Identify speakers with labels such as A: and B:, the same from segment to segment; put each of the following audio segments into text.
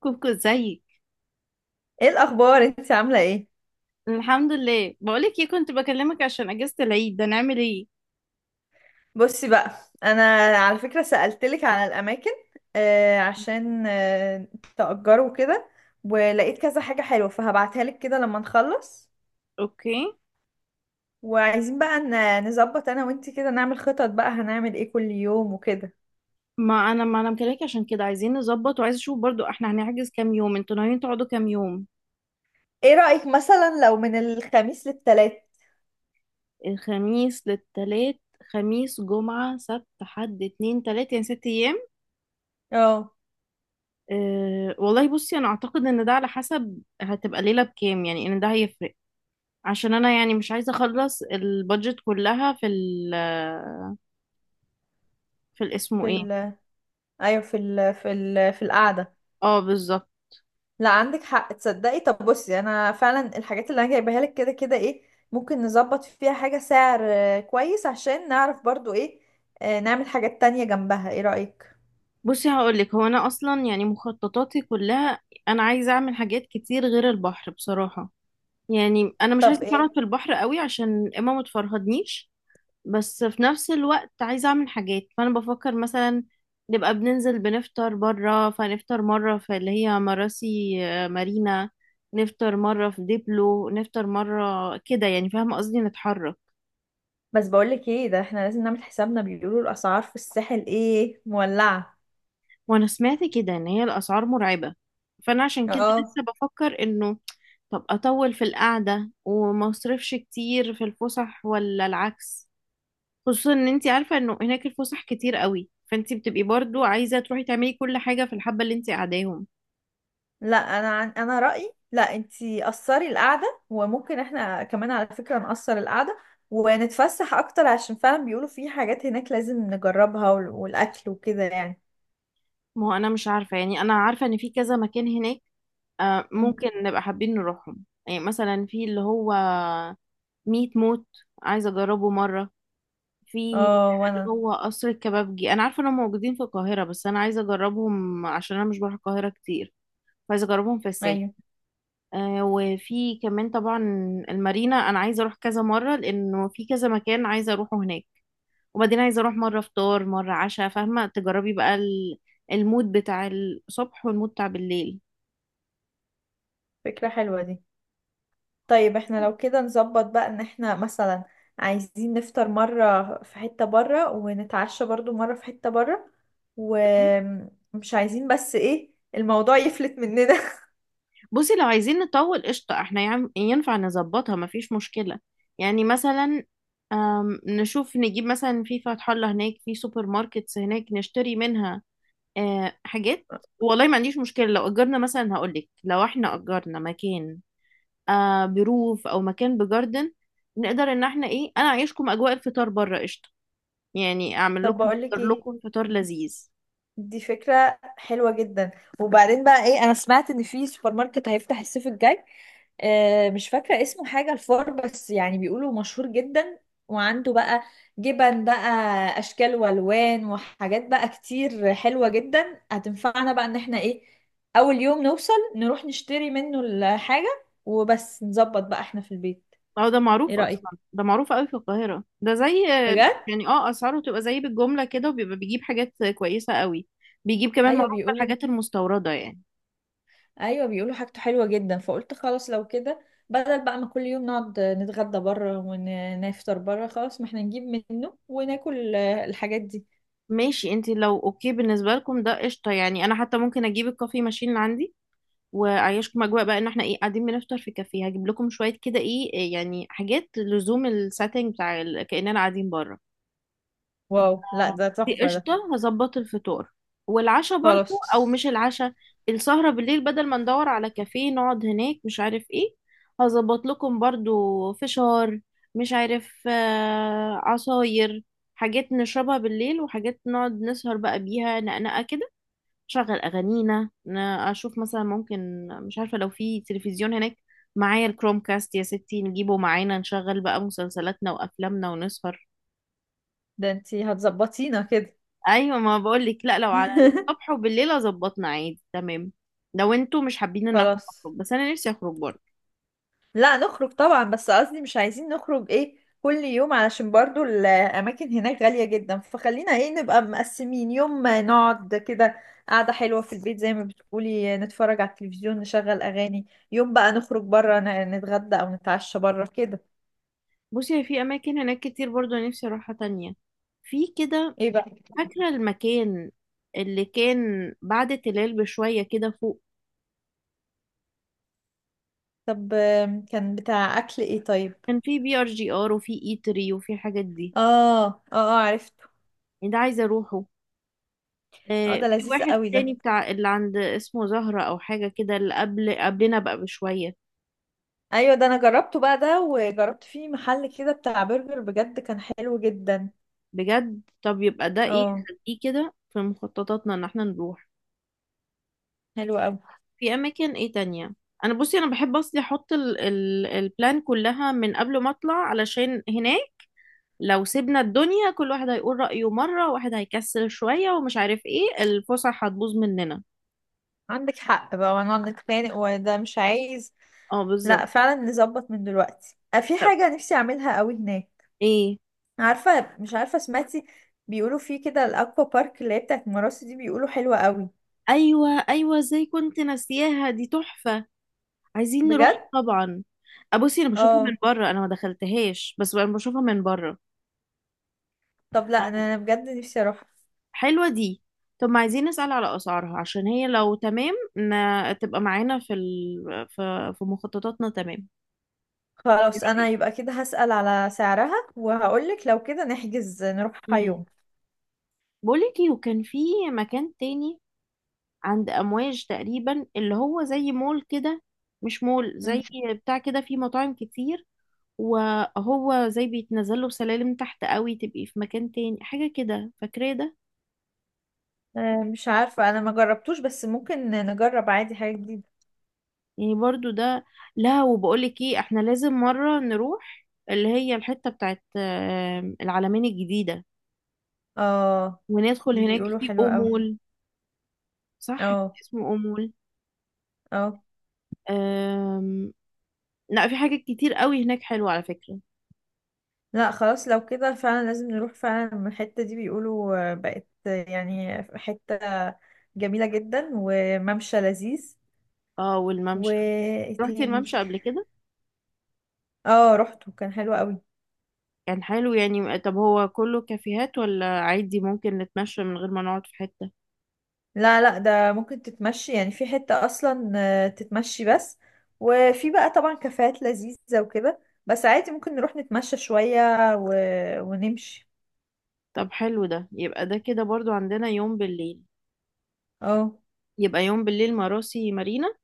A: كوكو، ازيك؟
B: ايه الاخبار؟ انت عامله ايه؟
A: الحمد لله. بقولك ايه، كنت بكلمك عشان اجازة العيد ده نعمل ايه.
B: بصي بقى. انا على فكره سالتلك على الاماكن. عشان تأجروا كده. ولقيت كذا حاجه حلوه فهبعتها لك كده لما نخلص.
A: اوكي.
B: وعايزين بقى نظبط انا وانت كده، نعمل خطط بقى هنعمل ايه كل يوم وكده.
A: ما انا مكلمك عشان كده، عايزين نظبط، وعايز اشوف برضو احنا هنحجز كام يوم، انتوا ناويين تقعدوا كام يوم؟
B: ايه رايك مثلا لو من الخميس للتلات؟
A: الخميس للتلات. خميس جمعة سبت حد اتنين تلات، يعني ست ايام.
B: اه،
A: والله بصي، انا اعتقد ان ده على حسب هتبقى ليلة بكام، يعني ان ده هيفرق. عشان انا يعني مش عايزة اخلص البادجت كلها في ال، في الاسمه
B: في
A: ايه.
B: ال ايوه، في القعده.
A: اه بالظبط.
B: لا، عندك حق. تصدقي طب بصي، انا فعلا الحاجات اللي انا جايباها لك كده كده ايه، ممكن نظبط فيها حاجة سعر كويس، عشان نعرف برضو ايه. نعمل حاجات تانية جنبها. ايه رأيك؟
A: بصي هقولك، هو انا اصلا يعني مخططاتي كلها، انا عايزه اعمل حاجات كتير غير البحر بصراحه. يعني انا مش
B: طب
A: عايزه
B: ايه؟
A: اتفرهد في البحر قوي عشان اما ما تفرهدنيش. بس في نفس الوقت عايزه اعمل حاجات، فانا بفكر مثلا نبقى بننزل بنفطر بره، فنفطر مره في اللي هي مراسي مارينا، نفطر مره في ديبلو، نفطر مره كده يعني، فاهمه قصدي، نتحرك.
B: بس بقولك ايه، ده احنا لازم نعمل حسابنا، بيقولوا الاسعار في الساحل ايه مولعة.
A: وانا سمعت كده ان هي الاسعار مرعبه، فانا عشان كده
B: اه.
A: لسه بفكر انه طب اطول في القعده وما اصرفش كتير في الفسح ولا العكس. خصوصا ان انت عارفه انه هناك الفسح كتير قوي، فانت بتبقي برضو عايزه تروحي تعملي كل حاجه في الحبه اللي انت قاعداهم.
B: لا، انا رأيي لا، انتي قصري القعدة، وممكن احنا كمان على فكرة نقصر القعدة، ونتفسح اكتر، عشان فعلا بيقولوا في حاجات هناك لازم نجربها والاكل وكده يعني.
A: ما هو انا مش عارفه، يعني انا عارفه ان في كذا مكان هناك ممكن نبقى حابين نروحهم. يعني مثلا في اللي هو ميت موت، عايزه اجربه مره. في
B: اه،
A: اللي
B: وانا.
A: هو قصر الكبابجي، انا عارفه انهم موجودين في القاهره، بس انا عايزه اجربهم عشان انا مش بروح القاهره كتير، فعايزه اجربهم في الساحل.
B: ايوه،
A: وفي كمان طبعا المارينا، انا عايزه اروح كذا مره لانه في كذا مكان عايزه اروحه هناك. وبعدين عايزه اروح مره فطار، مره عشاء، فاهمه، تجربي بقى المود بتاع الصبح والمود بتاع بالليل.
B: فكرة حلوة دي. طيب احنا لو كده نظبط بقى ان احنا مثلا عايزين نفطر مرة في حتة برا، ونتعشى برضو مرة في حتة برا. ومش عايزين بس ايه، الموضوع يفلت مننا.
A: بصي لو عايزين نطول قشطه، احنا ينفع نظبطها، مفيش مشكله. يعني مثلا نشوف نجيب مثلا في فتح الله هناك، في سوبر ماركتس هناك نشتري منها حاجات. والله ما عنديش مشكله، لو اجرنا مثلا، هقولك لو احنا اجرنا مكان بروف او مكان بجاردن، نقدر ان احنا ايه، انا اعيشكم اجواء الفطار بره، قشطه. يعني اعمل
B: طب
A: لكم،
B: بقولك
A: احضر
B: ايه،
A: لكم فطار لذيذ.
B: دي فكرة حلوة جدا. وبعدين بقى ايه، انا سمعت ان في سوبر ماركت هيفتح الصيف الجاي. مش فاكرة اسمه، حاجة الفار، بس يعني بيقولوا مشهور جدا. وعنده بقى جبن بقى، اشكال والوان، وحاجات بقى كتير حلوة جدا، هتنفعنا بقى ان احنا ايه، اول يوم نوصل نروح نشتري منه الحاجة، وبس نظبط بقى احنا في البيت.
A: اه، ده
B: ايه
A: معروف
B: رأيك؟
A: اصلا، ده معروف قوي في القاهره. ده زي
B: بجد.
A: يعني اسعاره تبقى زي بالجمله كده، وبيبقى بيجيب حاجات كويسه قوي. بيجيب كمان،
B: ايوه
A: معروف
B: بيقولوا
A: بالحاجات المستورده يعني.
B: ايوه، بيقولوا حاجته حلوه جدا، فقلت خلاص لو كده، بدل بقى ما كل يوم نقعد نتغدى بره ونفطر بره، خلاص ما احنا نجيب منه وناكل الحاجات دي.
A: ماشي، انت لو اوكي بالنسبه لكم ده قشطه. يعني انا حتى ممكن اجيب الكافي ماشين اللي عندي، وعيشكم اجواء بقى ان احنا ايه قاعدين بنفطر في كافيه، هجيب لكم شويه كده ايه يعني حاجات لزوم السيتنج بتاع كاننا قاعدين بره.
B: واو! لا ده
A: دي
B: تحفه ده.
A: قشطه، هظبط الفطار والعشاء برضو.
B: خلاص.
A: او مش العشاء، السهره بالليل، بدل ما ندور على كافيه نقعد هناك مش عارف ايه، هظبط لكم برضو فشار، مش عارف، عصاير، حاجات نشربها بالليل، وحاجات نقعد نسهر بقى بيها، نقنقه كده. شغل اغانينا، اشوف مثلا ممكن، مش عارفه، لو في تلفزيون هناك معايا الكروم كاست يا ستي، نجيبه معانا نشغل بقى مسلسلاتنا وافلامنا ونسهر.
B: ده انتي هتظبطينا كده!
A: ايوه، ما بقول لك، لا لو على الصبح وبالليل ظبطنا عادي، تمام. لو انتوا مش حابين ان احنا
B: خلاص.
A: نخرج، بس انا نفسي اخرج برضه.
B: لا، نخرج طبعا، بس قصدي مش عايزين نخرج ايه، كل يوم علشان برضو الاماكن هناك غالية جدا، فخلينا ايه نبقى مقسمين، يوم ما نقعد كده قعدة حلوة في البيت زي ما بتقولي، نتفرج على التلفزيون، نشغل اغاني. يوم بقى نخرج بره نتغدى او نتعشى بره كده.
A: بصي، هي في اماكن هناك كتير برضه نفسي اروحها تانية. في كده،
B: ايه بقى؟
A: فاكره المكان اللي كان بعد تلال بشويه كده فوق،
B: طب كان بتاع اكل ايه طيب؟
A: كان في بي ار جي ار وفي ايتري وفي الحاجات دي.
B: اه، اه، اه، عرفته.
A: يعني ده عايزه اروحه.
B: اه، ده
A: في
B: لذيذ
A: واحد
B: قوي ده.
A: تاني بتاع اللي عند اسمه زهرة او حاجة كده، اللي قبل قبلنا بقى بشوية.
B: ايوه، ده انا جربته بقى ده، وجربت فيه محل كده بتاع برجر، بجد كان حلو جدا.
A: بجد، طب يبقى ده ايه،
B: اه،
A: خليه كده في مخططاتنا ان احنا نروح.
B: حلو قوي.
A: في اماكن ايه تانية. انا بصي، انا بحب اصلي احط ال البلان كلها من قبل ما اطلع، علشان هناك لو سيبنا الدنيا كل واحد هيقول رأيه مرة، واحد هيكسل شوية ومش عارف ايه، الفسح هتبوظ مننا.
B: عندك حق بقى، وانا عندك خانق، وده مش عايز.
A: اه بالظبط.
B: لا، فعلا نظبط من دلوقتي. في
A: طب
B: حاجة نفسي اعملها قوي هناك.
A: ايه.
B: عارفة، مش عارفة سمعتي، بيقولوا في كده الاكوا بارك اللي هي بتاعت مراسي دي، بيقولوا حلوة قوي.
A: ايوه ايوه، ازاي كنت ناسياها، دي تحفة، عايزين نروح
B: بجد؟
A: طبعا. ابصي، انا بشوفها من
B: اه.
A: بره، انا ما دخلتهاش، بس انا بشوفها من بره.
B: طب لا، انا بجد نفسي اروح.
A: حلوة دي. طب ما عايزين نسأل على أسعارها، عشان هي لو تمام تبقى معانا في في مخططاتنا، تمام. ايه
B: خلاص، انا
A: رأيك؟
B: يبقى كده هسأل على سعرها وهقولك، لو كده نحجز نروحها
A: امم
B: يوم.
A: بقولك ايه، وكان في مكان تاني عند أمواج تقريبا، اللي هو زي مول كده، مش مول،
B: مم.
A: زي بتاع كده فيه مطاعم كتير، وهو زي بيتنزل له سلالم تحت قوي، تبقي في مكان تاني حاجة كده، فاكرة ده.
B: مش عارفة انا ما جربتوش، بس ممكن نجرب عادي حاجة جديدة.
A: يعني برضو ده. لا، وبقولك ايه، احنا لازم مرة نروح اللي هي الحتة بتاعت العلمين الجديدة،
B: اه،
A: وندخل
B: دي
A: هناك
B: بيقولوا
A: في
B: حلوة قوي.
A: أمول. صح،
B: اه،
A: اسمه أمول.
B: اه،
A: آم، لا، في حاجات كتير قوي هناك حلوة على فكرة.
B: لا خلاص لو كده فعلا لازم نروح. فعلا من الحتة دي بيقولوا بقت يعني حتة جميلة جدا وممشى لذيذ.
A: اه، والممشى.
B: وايه
A: رحتي
B: تاني؟
A: الممشى قبل كده؟
B: اه، رحته كان حلو قوي.
A: كان حلو يعني. طب هو كله كافيهات ولا عادي ممكن نتمشى من غير ما نقعد في حتة؟
B: لا، لا، ده ممكن تتمشي، يعني في حتة اصلا تتمشي بس. وفي بقى طبعا كافيهات لذيذة وكده. بس عادي ممكن نروح نتمشى شوية و... ونمشي.
A: طب حلو ده، يبقى ده كده برضو عندنا يوم بالليل.
B: اه.
A: يبقى يوم بالليل مراسي مارينا،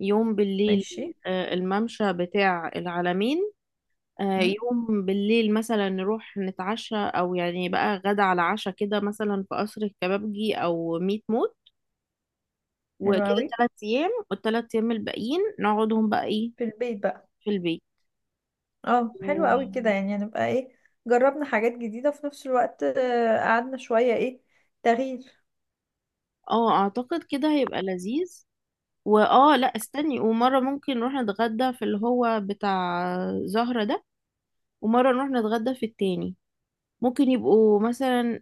A: يوم بالليل
B: ماشي.
A: الممشى بتاع العلمين،
B: مم،
A: يوم بالليل مثلا نروح نتعشى، او يعني بقى غدا على عشاء كده، مثلا في قصر الكبابجي او ميت موت.
B: حلو
A: وكده
B: قوي،
A: ثلاث ايام، والثلاث ايام الباقيين نقعدهم بقى ايه،
B: في البيت بقى.
A: في البيت.
B: اه، حلو
A: اه،
B: قوي كده، يعني هنبقى ايه، جربنا حاجات جديدة في نفس الوقت، قعدنا شوية، ايه، تغيير.
A: اعتقد كده هيبقى لذيذ. واه، لا استني، ومره ممكن نروح نتغدى في اللي هو بتاع زهرة ده، ومره نروح نتغدى في التاني. ممكن يبقوا مثلا،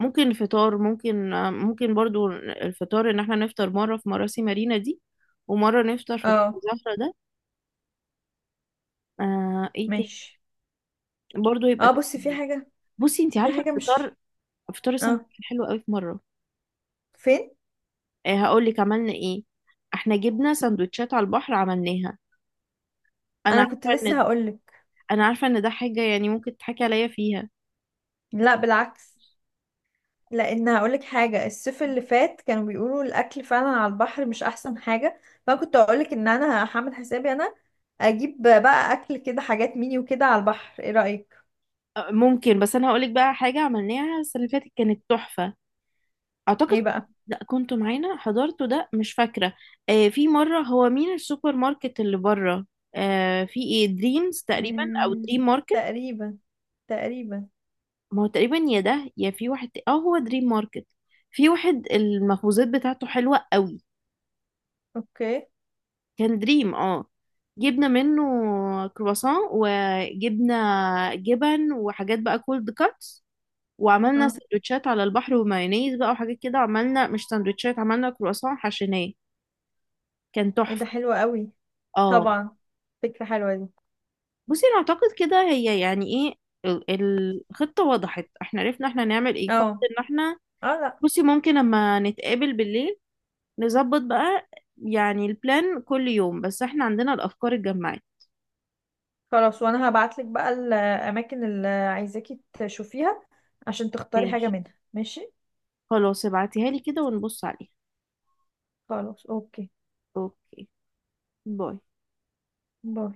A: ممكن فطار، ممكن برضو الفطار ان احنا نفطر مرة في مراسي مارينا دي، ومرة نفطر في بتاع
B: اه،
A: زهرة ده. ايه تاني.
B: ماشي.
A: برضو يبقى
B: اه، بصي في
A: تغيير.
B: حاجة.
A: بصي انت
B: في
A: عارفة
B: حاجة
A: الفطار،
B: مش
A: فطار السنة
B: اه،
A: كان حلو قوي في مرة.
B: فين؟
A: هقول لك عملنا ايه، احنا جبنا سندوتشات على البحر عملناها. انا
B: انا كنت
A: عارفة
B: لسه
A: ان
B: هقولك.
A: عارفة ان ده حاجة يعني ممكن تضحكي عليا فيها.
B: لا، بالعكس، لان هقولك حاجة، الصيف اللي فات كانوا بيقولوا الاكل فعلا على البحر مش احسن حاجة. فانا كنت هقولك ان انا هعمل حسابي، انا اجيب بقى اكل كده، حاجات ميني وكده على البحر. ايه رأيك؟
A: ممكن، بس انا هقول لك بقى حاجة عملناها السنة اللي فاتت كانت تحفة. اعتقد
B: ايه بقى؟
A: لا كنت معانا، حضرته ده مش فاكره. في مره، هو مين السوبر ماركت اللي بره، في ايه دريمز تقريبا او
B: آه...
A: دريم ماركت.
B: تقريبا، تقريبا.
A: ما هو تقريبا، يا ده يا في واحد هو دريم ماركت. في واحد المخبوزات بتاعته حلوه قوي.
B: اوكي.
A: كان دريم، جبنا منه كرواسون، وجبنا جبن وحاجات بقى كولد كاتس، وعملنا
B: اه،
A: سندوتشات على البحر، ومايونيز بقى وحاجات كده، عملنا مش سندوتشات، عملنا كرواسون حشيناه. كان
B: ايه ده،
A: تحفه.
B: حلو قوي.
A: اه.
B: طبعا. فكرة حلوة دي.
A: بصي انا اعتقد كده، هي يعني ايه، الخطة وضحت، احنا عرفنا احنا هنعمل ايه، فقط
B: اه،
A: ان احنا
B: اه، لا
A: بصي ممكن لما نتقابل بالليل نظبط بقى يعني البلان كل يوم، بس احنا عندنا الافكار اتجمعت.
B: خلاص، وانا هبعتلك بقى الاماكن اللي عايزاكي تشوفيها عشان تختاري حاجة
A: ماشي.
B: منها. ماشي.
A: خلاص، ابعتيها لي كده ونبص عليها.
B: خلاص، اوكي.
A: اوكي. باي.
B: باي.